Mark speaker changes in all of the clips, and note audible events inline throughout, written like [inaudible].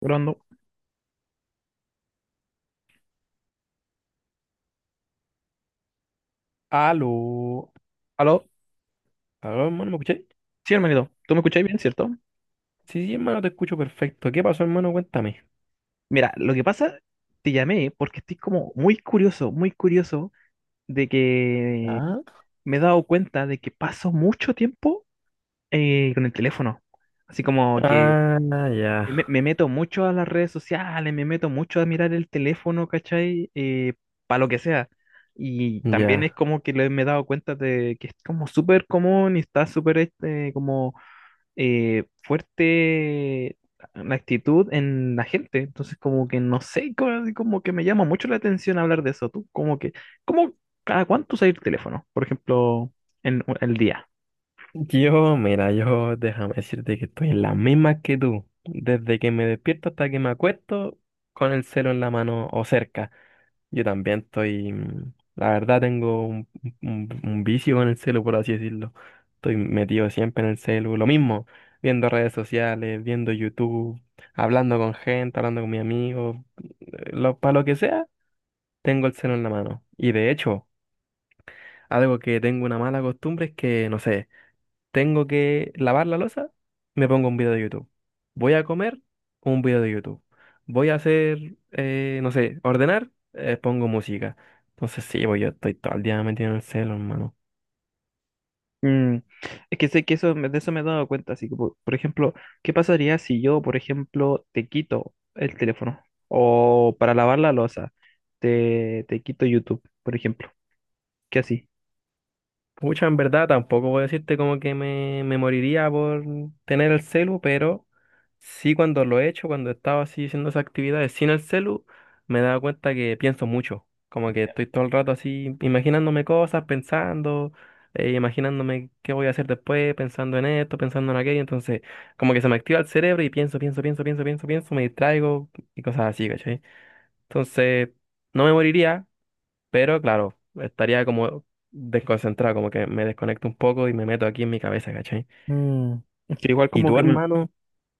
Speaker 1: Grabando.
Speaker 2: Aló.
Speaker 1: Aló,
Speaker 2: Aló, hermano, ¿me escucháis?
Speaker 1: sí, hermanito, ¿tú me escucháis bien, cierto?
Speaker 2: Sí, sí, hermano, te escucho perfecto. ¿Qué pasó, hermano? Cuéntame.
Speaker 1: Mira, lo que pasa, te llamé porque estoy como muy curioso de que
Speaker 2: Ah,
Speaker 1: me he dado cuenta de que paso mucho tiempo con el teléfono. Así como que
Speaker 2: ah, ya,
Speaker 1: me meto mucho a las redes sociales, me meto mucho a mirar el teléfono, ¿cachai? Para lo que sea. Y también es
Speaker 2: ya.
Speaker 1: como que me he dado cuenta de que es como súper común y está súper este, como fuerte la actitud en la gente. Entonces, como que no sé, como, como que me llama mucho la atención hablar de eso. Tú, como que, ¿cómo cada cuánto usas el teléfono? Por ejemplo, en el día.
Speaker 2: Yo, mira, yo déjame decirte que estoy en la misma que tú. Desde que me despierto hasta que me acuesto, con el celo en la mano o cerca. Yo también estoy, la verdad tengo un vicio con el celu, por así decirlo. Estoy metido siempre en el celu, lo mismo, viendo redes sociales, viendo YouTube, hablando con gente, hablando con mis amigos, para lo que sea, tengo el celu en la mano. Y de hecho, algo que tengo una mala costumbre es que, no sé, tengo que lavar la losa, me pongo un video de YouTube. Voy a comer, un video de YouTube. Voy a hacer, no sé, ordenar, pongo música. Entonces sí, pues yo estoy todo el día metido en el celo, hermano.
Speaker 1: Mm, es que sé que eso, de eso me he dado cuenta. Así que, por ejemplo, ¿qué pasaría si yo, por ejemplo, te quito el teléfono? O para lavar la losa, te quito YouTube, por ejemplo. ¿Qué así?
Speaker 2: Pucha, en verdad tampoco voy a decirte como que me moriría por tener el celu, pero sí, cuando lo he hecho, cuando estaba así haciendo esas actividades sin el celu, me daba cuenta que pienso mucho. Como que estoy todo el rato así imaginándome cosas, pensando, imaginándome qué voy a hacer después, pensando en esto, pensando en aquello. Entonces, como que se me activa el cerebro y pienso, pienso, pienso, pienso, pienso, pienso, me distraigo y cosas así, ¿cachai? Entonces, no me moriría, pero claro, estaría como desconcentrado, como que me desconecto un poco y me meto aquí en mi cabeza, ¿cachai?
Speaker 1: Mm, que igual
Speaker 2: ¿Y
Speaker 1: como
Speaker 2: tu
Speaker 1: que me,
Speaker 2: hermano?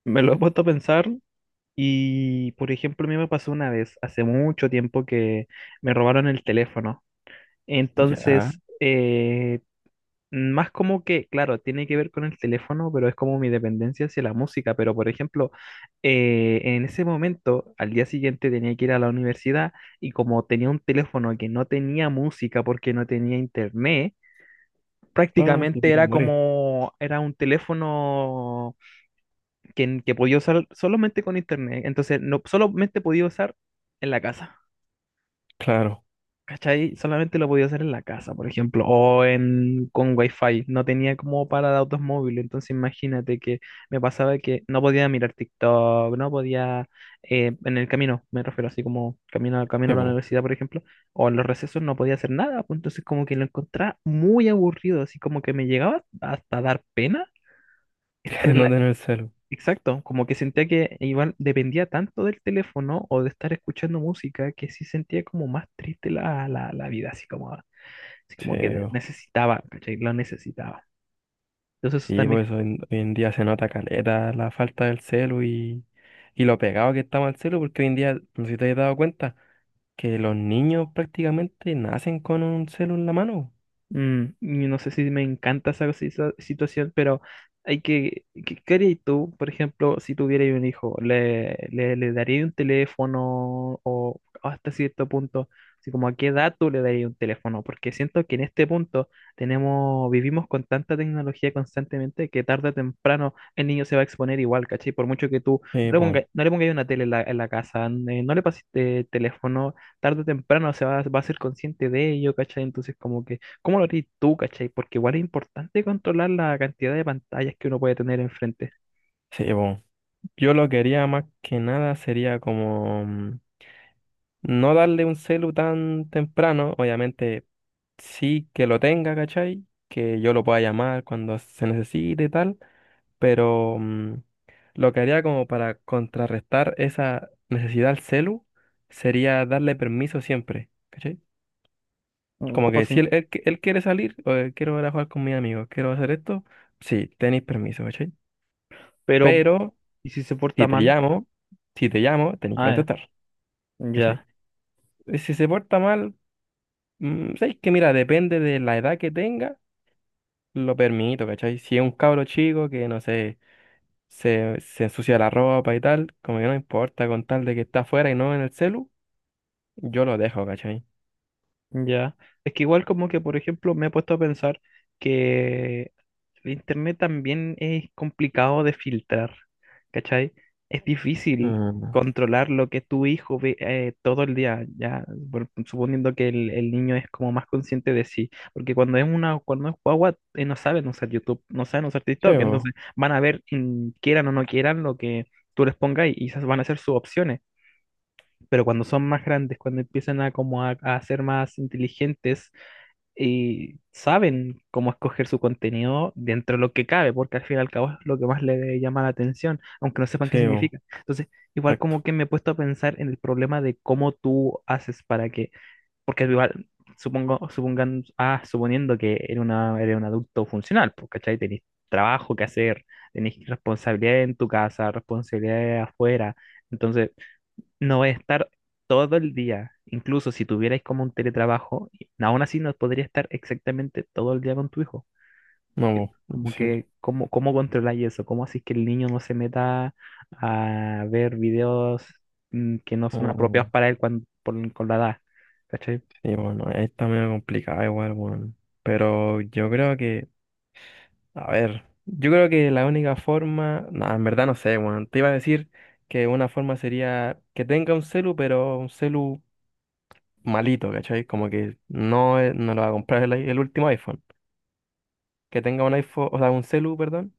Speaker 1: me lo he puesto a pensar. Y, por ejemplo, a mí me pasó una vez, hace mucho tiempo, que me robaron el teléfono.
Speaker 2: Ya.
Speaker 1: Entonces, más como que, claro, tiene que ver con el teléfono, pero es como mi dependencia hacia la música. Pero, por ejemplo, en ese momento, al día siguiente tenía que ir a la universidad y como tenía un teléfono que no tenía música porque no tenía internet,
Speaker 2: Ah, te
Speaker 1: prácticamente
Speaker 2: quieres
Speaker 1: era
Speaker 2: morir.
Speaker 1: como, era un teléfono que podía usar solamente con internet. Entonces, no solamente podía usar en la casa.
Speaker 2: Claro.
Speaker 1: ¿Cachai? Solamente lo podía usar en la casa, por ejemplo, o en, con wifi. No tenía como para datos móviles. Entonces, imagínate que me pasaba que no podía mirar TikTok, no podía, en el camino, me refiero así como camino, camino
Speaker 2: Sí,
Speaker 1: a la
Speaker 2: po,
Speaker 1: universidad, por ejemplo, o en los recesos no podía hacer nada, pues. Entonces, como que lo encontraba muy aburrido, así como que me llegaba hasta dar pena
Speaker 2: [laughs]
Speaker 1: estar
Speaker 2: que
Speaker 1: en
Speaker 2: no
Speaker 1: la...
Speaker 2: tener celu.
Speaker 1: Exacto, como que sentía que igual dependía tanto del teléfono o de estar escuchando música que sí sentía como más triste la, la, la vida, así
Speaker 2: Sí,
Speaker 1: como que
Speaker 2: po.
Speaker 1: necesitaba, ¿cachai? Lo necesitaba. Entonces eso
Speaker 2: Sí,
Speaker 1: también.
Speaker 2: por eso hoy, hoy en día se nota caleta la falta del celu y lo pegado que estamos al celu, porque hoy en día, no sé si te has dado cuenta, que los niños prácticamente nacen con un celu en la mano.
Speaker 1: Mm, y no sé si me encanta esa situación, pero hay que, ¿qué harías tú, por ejemplo, si tuvierais un hijo? ¿Le, le, le darías un teléfono o hasta cierto punto, así como a qué edad tú le darías un teléfono? Porque siento que en este punto tenemos, vivimos con tanta tecnología constantemente que tarde o temprano el niño se va a exponer igual, ¿cachai? Por mucho que tú no
Speaker 2: Sí,
Speaker 1: le
Speaker 2: po.
Speaker 1: pongas, no le pongas una tele en la casa, no le pases teléfono, tarde o temprano se va, va a ser consciente de ello, ¿cachai? Entonces como que, ¿cómo lo harías tú, cachai? Porque igual es importante controlar la cantidad de pantallas que uno puede tener enfrente.
Speaker 2: Sí, po. Yo lo quería más que nada sería como no darle un celu tan temprano, obviamente sí que lo tenga, ¿cachai? Que yo lo pueda llamar cuando se necesite y tal, pero lo que haría como para contrarrestar esa necesidad al celu sería darle permiso siempre, ¿cachai?
Speaker 1: Un
Speaker 2: Como
Speaker 1: poco
Speaker 2: que si
Speaker 1: así.
Speaker 2: él quiere salir, o quiero ir a jugar con mis amigos, quiero hacer esto, sí, tenéis permiso, ¿cachai?
Speaker 1: Pero,
Speaker 2: Pero
Speaker 1: ¿y si se
Speaker 2: si
Speaker 1: porta
Speaker 2: te
Speaker 1: mal?
Speaker 2: llamo, si te llamo, tenéis que
Speaker 1: Ah,
Speaker 2: contestar, ¿cachai?
Speaker 1: ya.
Speaker 2: Y si se porta mal, ¿sabes que Mira, depende de la edad que tenga, lo permito, ¿cachai? Si es un cabro chico que, no sé, se ensucia la ropa y tal, como que no importa, con tal de que está afuera y no en el celu, yo lo dejo, ¿cachai?
Speaker 1: Ya, es que igual como que, por ejemplo, me he puesto a pensar que el internet también es complicado de filtrar, ¿cachai? Es difícil
Speaker 2: Mm,
Speaker 1: controlar lo que tu hijo ve todo el día, ya, suponiendo que el niño es como más consciente de sí, porque cuando es una, cuando es guagua, no saben usar YouTube, no saben usar
Speaker 2: sí,
Speaker 1: TikTok, entonces
Speaker 2: bo,
Speaker 1: van a ver, quieran o no quieran, lo que tú les pongas y esas van a ser sus opciones, pero cuando son más grandes, cuando empiezan a, como a ser más inteligentes y saben cómo escoger su contenido dentro de lo que cabe, porque al fin y al cabo es lo que más le llama la atención, aunque no sepan qué
Speaker 2: sí, bo,
Speaker 1: significa. Entonces, igual
Speaker 2: exacto.
Speaker 1: como que me he puesto a pensar en el problema de cómo tú haces para que, porque igual... Supongo, supongan, ah, suponiendo que eres, una, eres un adulto funcional, pues, ¿cachai? Tenés trabajo que hacer, tenés responsabilidades en tu casa, responsabilidades afuera, entonces no voy a estar todo el día. Incluso si tuvierais como un teletrabajo, aún así no podría estar exactamente todo el día con tu hijo.
Speaker 2: No, bo,
Speaker 1: Como
Speaker 2: imposible.
Speaker 1: que, ¿cómo, cómo controláis eso? ¿Cómo así que el niño no se meta a ver videos que no son apropiados
Speaker 2: Mm,
Speaker 1: para él cuando, con la edad? ¿Cachai?
Speaker 2: Sí, bueno, está medio complicada igual, bueno. Pero yo creo que, a ver, yo creo que la única forma, no, en verdad no sé, bueno, te iba a decir que una forma sería que tenga un celu, pero un celu malito, ¿cachai? Como que no, es- no lo va a comprar el, i- el último iPhone. Que tenga un iPhone, o sea, un celu, perdón,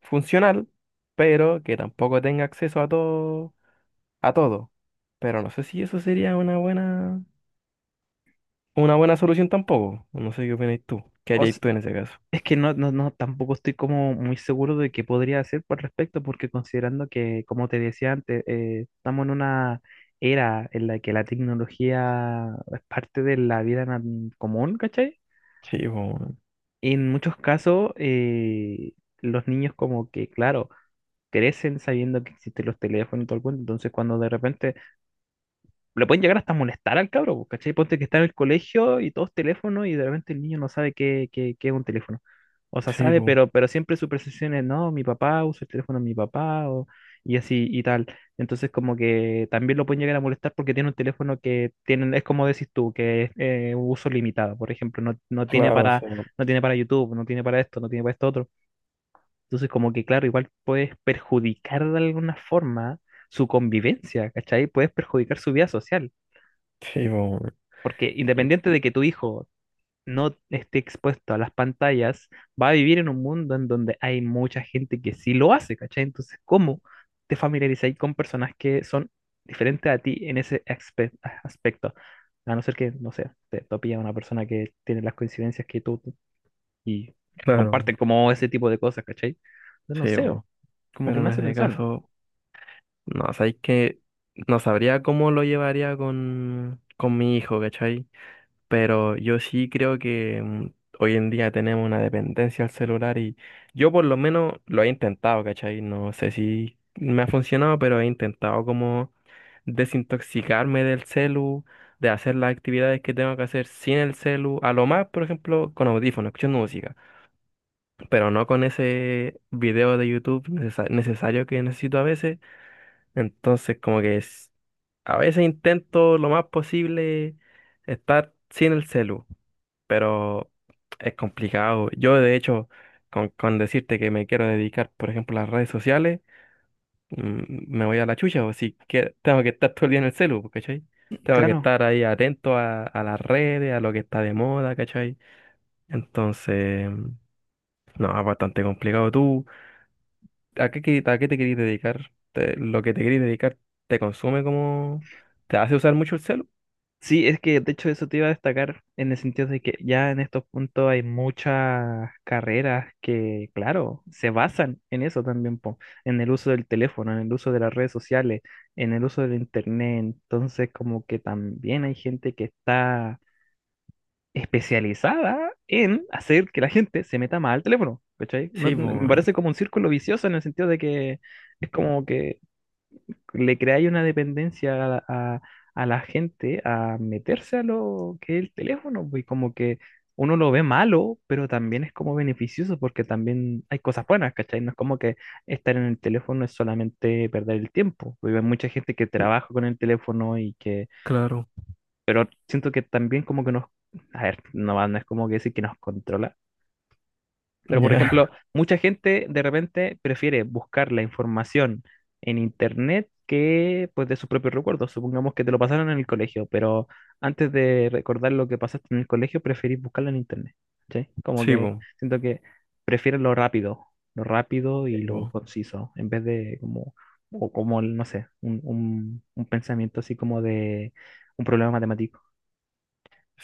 Speaker 2: funcional, pero que tampoco tenga acceso a todo, a todo. Pero no sé si eso sería una buena solución tampoco. No sé qué opinas tú. ¿Qué
Speaker 1: O
Speaker 2: harías tú en ese caso?
Speaker 1: es que no, no, no, tampoco estoy como muy seguro de qué podría hacer por respecto, porque considerando que, como te decía antes, estamos en una era en la que la tecnología es parte de la vida común, ¿cachai?
Speaker 2: Sí, po,
Speaker 1: En muchos casos, los niños como que, claro, crecen sabiendo que existen los teléfonos y todo el cuento, entonces cuando de repente le pueden llegar hasta molestar al cabro, po, ¿cachai? Ponte que está en el colegio y todos teléfonos y de repente el niño no sabe qué, qué, qué es un teléfono. O sea,
Speaker 2: sí,
Speaker 1: sabe,
Speaker 2: po,
Speaker 1: pero siempre su percepción es, no, mi papá usa el teléfono de mi papá o, y así y tal. Entonces como que también lo pueden llegar a molestar porque tiene un teléfono que tienen, es como decís tú, que es uso limitado. Por ejemplo, no, no tiene
Speaker 2: claro,
Speaker 1: para,
Speaker 2: sí,
Speaker 1: no tiene para YouTube, no tiene para esto, no tiene para esto otro. Entonces como que claro, igual puedes perjudicar de alguna forma su convivencia, ¿cachai? Puedes perjudicar su vida social.
Speaker 2: sí, po,
Speaker 1: Porque independiente
Speaker 2: sí,
Speaker 1: de que tu hijo no esté expuesto a las pantallas, va a vivir en un mundo en donde hay mucha gente que sí lo hace, ¿cachai? Entonces, ¿cómo te familiarizáis con personas que son diferentes a ti en ese aspecto? A no ser que, no sé, te topilla una persona que tiene las coincidencias que tú y
Speaker 2: claro,
Speaker 1: comparten como ese tipo de cosas, ¿cachai? Entonces, no
Speaker 2: sí,
Speaker 1: sé,
Speaker 2: po.
Speaker 1: como que me
Speaker 2: Pero en
Speaker 1: hace
Speaker 2: ese
Speaker 1: pensar.
Speaker 2: caso, no, sabéis que no sabría cómo lo llevaría con mi hijo, ¿cachai? Pero yo sí creo que hoy en día tenemos una dependencia al celular y yo por lo menos lo he intentado, ¿cachai? No sé si me ha funcionado, pero he intentado como desintoxicarme del celu, de hacer las actividades que tengo que hacer sin el celu, a lo más, por ejemplo, con audífonos, escuchando música, pero no con ese video de YouTube necesa- necesario que necesito a veces. Entonces, como que es- a veces intento lo más posible estar sin el celu, pero es complicado. Yo, de hecho, con decirte que me quiero dedicar, por ejemplo, a las redes sociales, me voy a la chucha, o si que tengo que estar todo el día en el celu, pues, ¿cachai? Tengo que
Speaker 1: Claro,
Speaker 2: estar ahí atento a las redes, a lo que está de moda, ¿cachai? Entonces, no, es bastante complicado. ¿Tú a qué, que- a qué te querís dedicar? Te- ¿lo que te querís dedicar te consume como... ¿Te hace usar mucho el celu?
Speaker 1: sí, es que de hecho eso te iba a destacar en el sentido de que ya en estos puntos hay muchas carreras que, claro, se basan en eso también, po, en el uso del teléfono, en el uso de las redes sociales, en el uso del internet. Entonces, como que también hay gente que está especializada en hacer que la gente se meta más al teléfono, ¿cachai?
Speaker 2: Sí,
Speaker 1: Me
Speaker 2: pues,
Speaker 1: parece como un círculo vicioso en el sentido de que es como que le crea ahí una dependencia a, a la gente a meterse a lo que es el teléfono, pues, y como que uno lo ve malo, pero también es como beneficioso porque también hay cosas buenas, ¿cachai? No es como que estar en el teléfono es solamente perder el tiempo, porque hay mucha gente que trabaja con el teléfono y que
Speaker 2: claro.
Speaker 1: siento que también como que nos, a ver, no, no es como que decir que nos controla, pero, por
Speaker 2: Ya,
Speaker 1: ejemplo, mucha gente de repente prefiere buscar la información en internet que pues de sus propios recuerdos. Supongamos que te lo pasaron en el colegio, pero antes de recordar lo que pasaste en el colegio, preferís buscarlo en internet. ¿Sí?
Speaker 2: [laughs]
Speaker 1: Como
Speaker 2: sí,
Speaker 1: que
Speaker 2: pues.
Speaker 1: siento que prefieren lo rápido
Speaker 2: Sí,
Speaker 1: y lo
Speaker 2: pues.
Speaker 1: conciso, en vez de como, o como, no sé, un, un pensamiento así como de un problema matemático.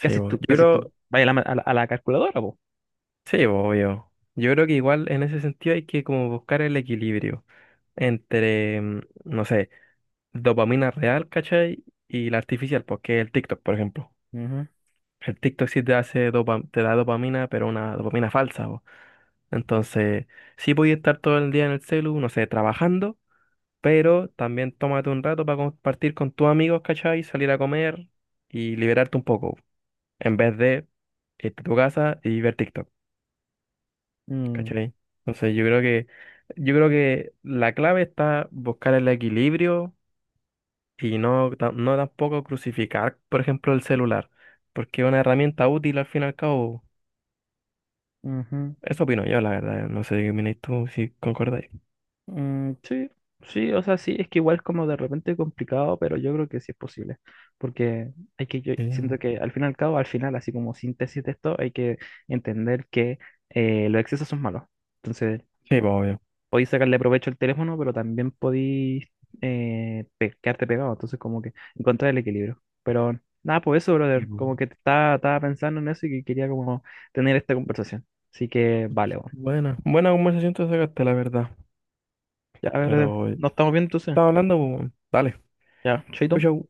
Speaker 1: ¿Qué haces
Speaker 2: po. Yo
Speaker 1: tú? ¿Qué haces tú?
Speaker 2: creo.
Speaker 1: Vaya a la, a a la calculadora, vos.
Speaker 2: Sí, obvio. Yo creo que igual en ese sentido hay que como buscar el equilibrio entre, no sé, dopamina real, ¿cachai? Y la artificial, porque el TikTok, por ejemplo.
Speaker 1: Ujú,
Speaker 2: El TikTok sí te hace dopa- te da dopamina, pero una dopamina falsa, po. Entonces, sí podía estar todo el día en el celu, no sé, trabajando, pero también tómate un rato para compartir con tus amigos, ¿cachai? Salir a comer y liberarte un poco, en vez de irte a tu casa y ver TikTok.
Speaker 1: mm,
Speaker 2: ¿Cachai? Entonces yo creo que la clave está buscar el equilibrio y no, ta- no tampoco crucificar, por ejemplo, el celular, porque es una herramienta útil al fin y al cabo.
Speaker 1: ujú.
Speaker 2: Eso opino yo, la verdad. No sé qué opináis tú, si concordáis.
Speaker 1: Mm, sí, sí, o sea, sí, es que igual es como de repente complicado, pero yo creo que sí es posible, porque hay que, yo
Speaker 2: Sí,
Speaker 1: siento
Speaker 2: po.
Speaker 1: que al fin y al cabo, al final, así como síntesis de esto, hay que entender que los excesos son malos. Entonces,
Speaker 2: Sí, pues obvio.
Speaker 1: podéis sacarle provecho al teléfono, pero también podéis quedarte pegado, entonces como que encontrar el equilibrio. Pero nada, pues eso,
Speaker 2: Sí,
Speaker 1: brother,
Speaker 2: po.
Speaker 1: como que estaba pensando en eso y que quería como tener esta conversación. Así que, vale, bueno.
Speaker 2: Buena, buena conversación te sacaste, la verdad.
Speaker 1: Ya, brother,
Speaker 2: Pero
Speaker 1: nos estamos viendo entonces.
Speaker 2: estaba hablando, pues, bueno, dale.
Speaker 1: Ya,
Speaker 2: Chau,
Speaker 1: chaito.
Speaker 2: chau.